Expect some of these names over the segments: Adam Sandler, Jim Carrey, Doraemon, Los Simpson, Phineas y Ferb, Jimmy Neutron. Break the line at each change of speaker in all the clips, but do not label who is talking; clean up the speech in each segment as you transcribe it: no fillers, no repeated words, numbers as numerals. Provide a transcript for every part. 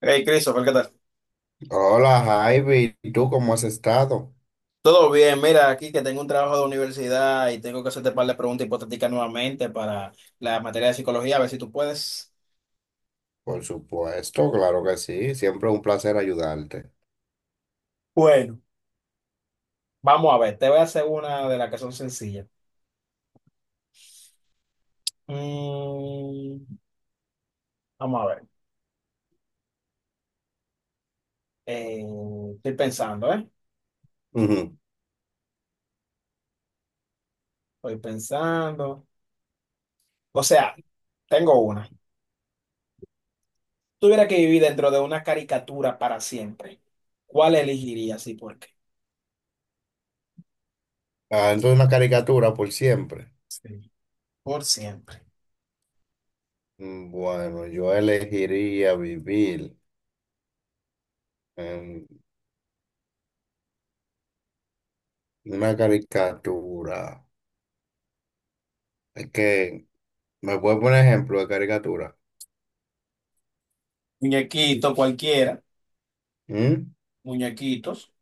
Hey, Christopher, ¿qué tal?
Hola Javi, ¿y tú cómo has estado?
Todo bien, mira, aquí que tengo un trabajo de universidad y tengo que hacerte un par de preguntas hipotéticas nuevamente para la materia de psicología, a ver si tú puedes.
Por supuesto, claro que sí, siempre un placer ayudarte.
Bueno, vamos a ver, te voy a hacer una de las que son sencillas. Mm, vamos a ver, Eh, estoy pensando, ¿eh?
Ujú.
Estoy pensando. O sea, tengo una. Si tuviera que vivir dentro de una caricatura para siempre, ¿cuál elegirías y por qué?
Adentro de una caricatura por siempre.
Sí. Por siempre.
Mm, bueno, yo elegiría vivir en una caricatura. Es que, ¿me puedes poner ejemplo de caricatura?
Muñequito, cualquiera,
¿Mm?
muñequitos.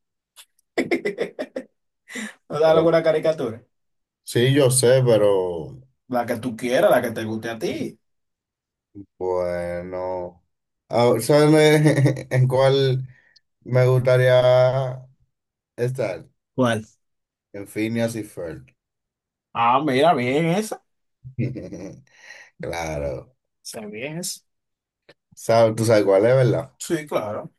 O sea,
Pero-
alguna caricatura.
sí, yo sé, pero
La que tú quieras, la que te guste a ti.
bueno, ¿sabes en cuál me gustaría estar?
¿Cuál?
En Phineas y Ferb.
Ah, mira, bien esa.
Claro.
Se ve bien esa.
¿Sabes? ¿Tú sabes cuál es, verdad?
Sí, claro.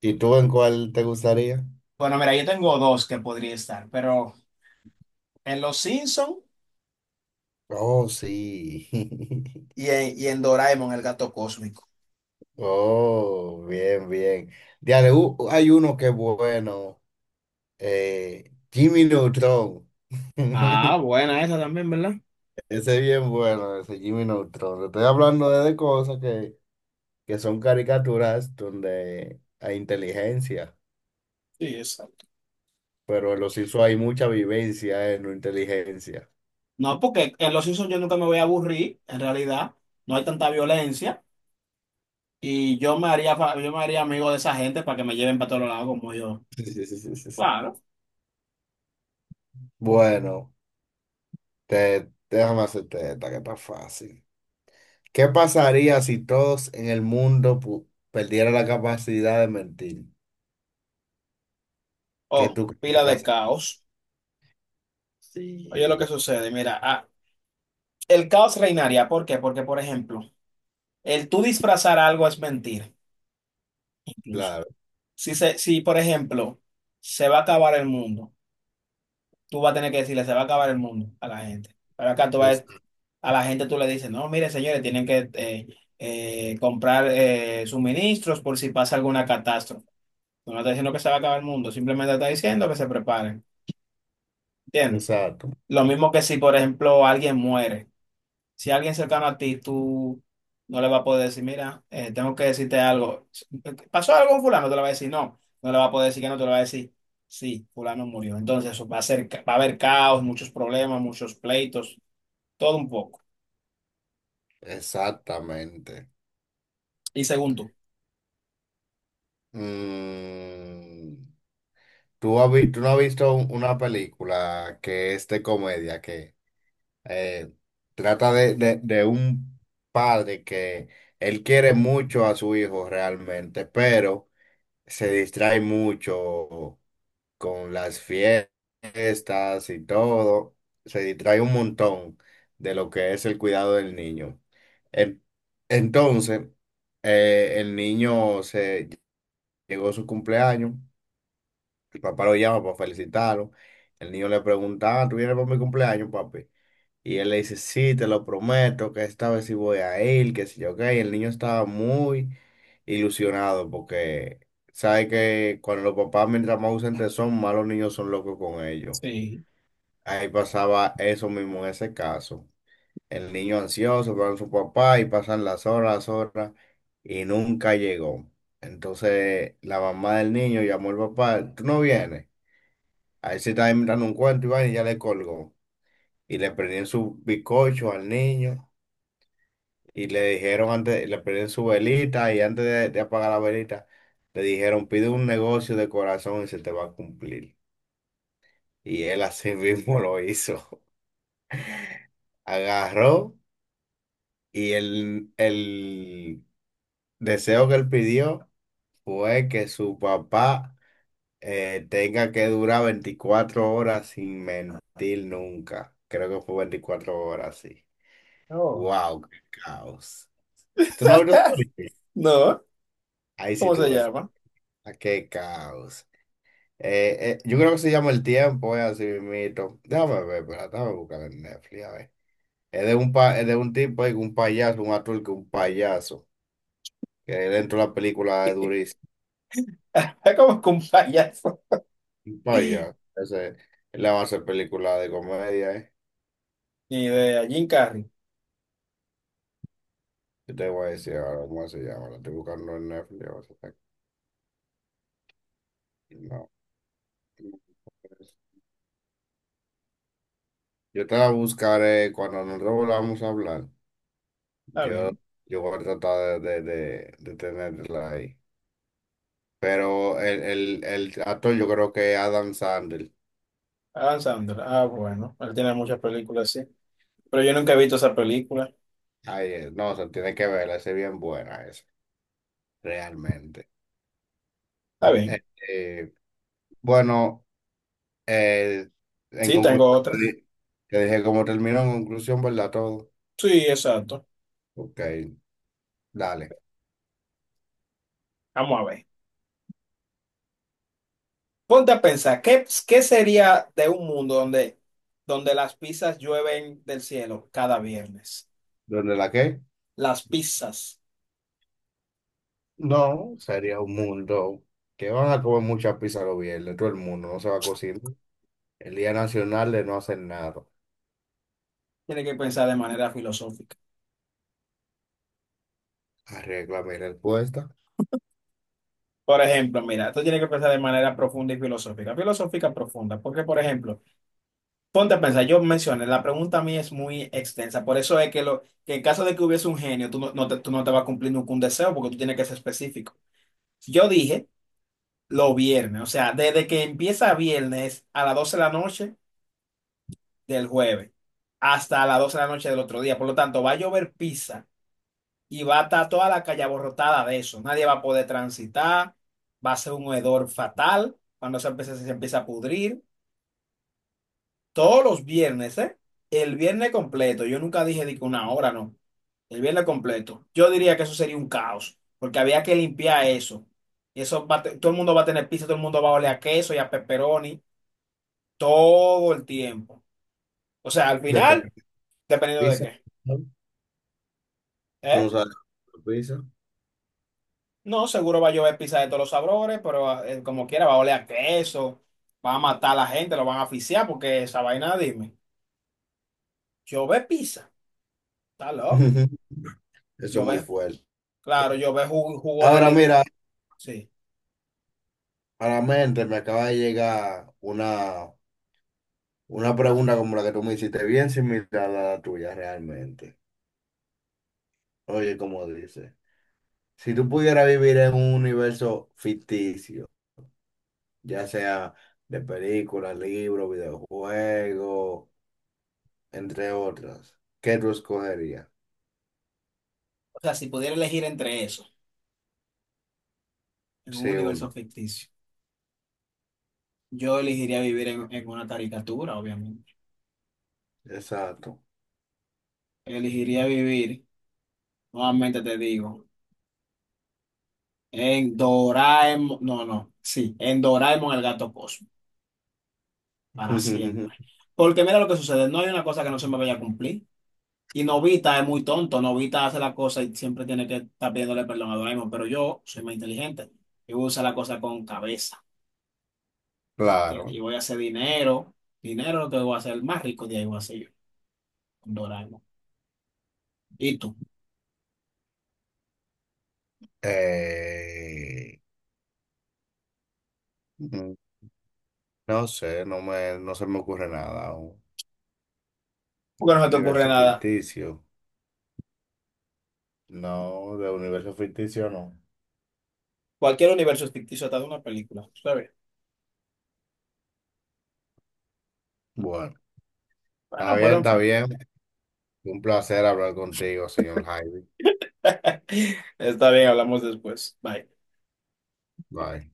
¿Y tú en cuál te gustaría?
Bueno, mira, yo tengo dos que podría estar, pero en Los Simpson
Oh, sí.
y en Doraemon, el gato cósmico.
Oh, bien, bien. Diale, hay uno que es bueno. Jimmy Neutron.
Ah, buena esa también, ¿verdad?
Ese es bien bueno, ese Jimmy Neutron. Te estoy hablando de cosas que son caricaturas donde hay inteligencia,
Sí, exacto.
pero en los hizo hay mucha vivencia en la inteligencia.
No, porque en Los Simpsons yo nunca me voy a aburrir, en realidad. No hay tanta violencia. Y yo me haría, yo me haría amigo de esa gente para que me lleven para todos lados como yo. Claro.
Bueno. Déjame hacerte esta que está fácil. ¿Qué pasaría si todos en el mundo perdieran la capacidad de mentir?
Oh,
¿Qué tú crees que
pila de
pasa?
caos. Oye, lo que
Sí.
sucede, mira, el caos reinaría. ¿Por qué? Porque, por ejemplo, el tú disfrazar algo es mentir. Incluso.
Claro,
Si, por ejemplo, se va a acabar el mundo, tú vas a tener que decirle, se va a acabar el mundo a la gente. Pero acá tú
es-
vas, a la gente tú le dices, no, mire, señores, tienen que comprar suministros por si pasa alguna catástrofe. Tú no está diciendo que se va a acabar el mundo, simplemente está diciendo que se preparen. ¿Entiendes?
exacto,
Lo mismo que si, por ejemplo, alguien muere. Si alguien cercano a ti, tú no le vas a poder decir, mira, tengo que decirte algo. ¿Pasó algo con fulano? Te lo va a decir, no. No le va a poder decir que no, te lo va a decir, sí, fulano murió. Entonces eso va a ser, va a haber caos, muchos problemas, muchos pleitos, todo un poco.
exactamente.
Y según tú.
Mm, ¿tú, tú no has visto una película que es de comedia que eh, trata de, de un padre que él quiere mucho a su hijo realmente, pero se distrae mucho con las fiestas y todo, se distrae un montón de lo que es el cuidado del niño. En- Entonces, el niño se llegó su cumpleaños, el papá lo llama para felicitarlo, el niño le pregunta, "Ah, ¿tú vienes para mi cumpleaños, papi?" Y él le dice, sí, te lo prometo, que esta vez sí voy a ir, que si yo qué. Y el niño estaba muy ilusionado porque sabe que cuando los papás, mientras más ausentes son, más los niños son locos con ellos.
Sí.
Ahí pasaba eso mismo en ese caso. El niño ansioso para su papá y pasan las horas y nunca llegó. Entonces la mamá del niño llamó al papá, tú no vienes. Ahí se estaba inventando un cuento y va, y ya le colgó. Y le prendían su bizcocho al niño. Y le dijeron antes, le prendieron su velita y antes de apagar la velita, le dijeron, pide un negocio de corazón y se te va a cumplir. Y él así mismo lo hizo. Agarró y el deseo que él pidió fue que su papá tenga que durar 24 horas sin mentir nunca. Creo que fue 24 horas, sí.
Oh.
¡Wow! ¡Qué caos! ¿Tú no has visto esa película?
No,
Ahí sí
¿cómo
tú
se
ves.
llama?
¡Ah, qué caos! Yo creo que se llama El Tiempo, es así mismito. Déjame ver, pero déjame buscar en Netflix, a ver. Es de un, es de un tipo, ahí, un payaso, un actor que es un payaso, que dentro de la película es durísimo.
Es como que un payaso.
Un payaso, ese él le va a hacer película de comedia, ¿eh?
Ni idea, Jim Carrey.
Yo te voy a decir ahora cómo se llama, la estoy buscando en Netflix, a ver si está aquí. No, no, pues, yo te la buscaré cuando nos volvamos a hablar.
Está
Yo,
bien.
yo voy a tratar de, de tenerla ahí. Pero el actor yo creo que es Adam Sandler.
Adam Sandler. Ah, bueno. Él tiene muchas películas, sí. Pero yo nunca he visto esa película.
Ay, no, se tiene que verla, esa es bien buena esa, realmente.
Está bien.
Eh, eh, bueno, eh, en
Sí,
conclusión,
tengo otra.
te dije cómo terminó en conclusión, ¿verdad? Todo.
Sí, exacto.
Ok, dale.
Vamos a ver. Ponte a pensar, ¿qué sería de un mundo donde, donde las pizzas llueven del cielo cada viernes?
¿Dónde la qué?
Las pizzas.
No, sería un mundo que van a comer mucha pizza los viernes, todo el mundo, no se va a cocinar. El Día Nacional de no hacer nada.
Tienes que pensar de manera filosófica.
Arregla mi respuesta.
Por ejemplo, mira, tú tienes que pensar de manera profunda y filosófica. Filosófica profunda, porque, por ejemplo, ponte a pensar, yo mencioné, la pregunta a mí es muy extensa. Por eso es que, que en caso de que hubiese un genio, tú no te vas a cumplir nunca un deseo, porque tú tienes que ser específico. Yo dije los viernes, o sea, desde que empieza viernes a las 12 de la noche del jueves hasta las 12 de la noche del otro día. Por lo tanto, va a llover pizza y va a estar toda la calle abarrotada de eso. Nadie va a poder transitar, va a ser un hedor fatal cuando se empieza a pudrir. Todos los viernes, ¿eh? El viernes completo. Yo nunca dije de que una hora, no. El viernes completo. Yo diría que eso sería un caos, porque había que limpiar eso. Y eso todo el mundo va a tener pizza, todo el mundo va a oler a queso y a pepperoni, todo el tiempo. O sea, al
Después de
final,
la
dependiendo de
pizza.
qué.
¿No? Tú no
¿Eh?
sabes la pizza.
No, seguro va a llover pizza de todos los sabores, pero como quiera va a oler a queso, va a matar a la gente, lo van a asfixiar porque esa vaina, dime. Llover pizza, está loco.
Ujú. Eso es muy
Llover,
fuerte.
claro, llover jugo, jugo de
Ahora
li...
mira,
Sí.
a la mente me acaba de llegar una pregunta como la que tú me hiciste, bien similar a la tuya realmente. Oye, como dice, si tú pudieras vivir en un universo ficticio, ya sea de películas, libros, videojuegos, entre otras, ¿qué tú escogerías?
O sea, si pudiera elegir entre eso, en un
Sí,
universo
una.
ficticio, yo elegiría vivir en una caricatura, obviamente.
Exacto.
Elegiría vivir, nuevamente te digo, en Doraemon, no, no, sí, en Doraemon el gato Cosmo. Para siempre. Porque mira lo que sucede, no hay una cosa que no se me vaya a cumplir. Y Novita es muy tonto, Novita hace la cosa y siempre tiene que estar pidiéndole perdón a Doraemon, pero yo soy más inteligente y voy a usar la cosa con cabeza. ¿Entiendes?
Claro.
Y voy a hacer dinero, dinero lo que voy a hacer, el más rico de ahí voy a ser yo, con Doraemon. ¿Y tú?
Eh, mm, no sé, no se me ocurre nada.
Porque
Un
no se te ocurre
universo
nada.
ficticio. No, de universo ficticio no.
Cualquier universo es ficticio, hasta de una película. Está bien.
Bueno, está
Bueno,
bien,
pero en
está
fin.
bien. Un placer hablar contigo, señor Jaime.
Está bien, hablamos después. Bye.
Bye.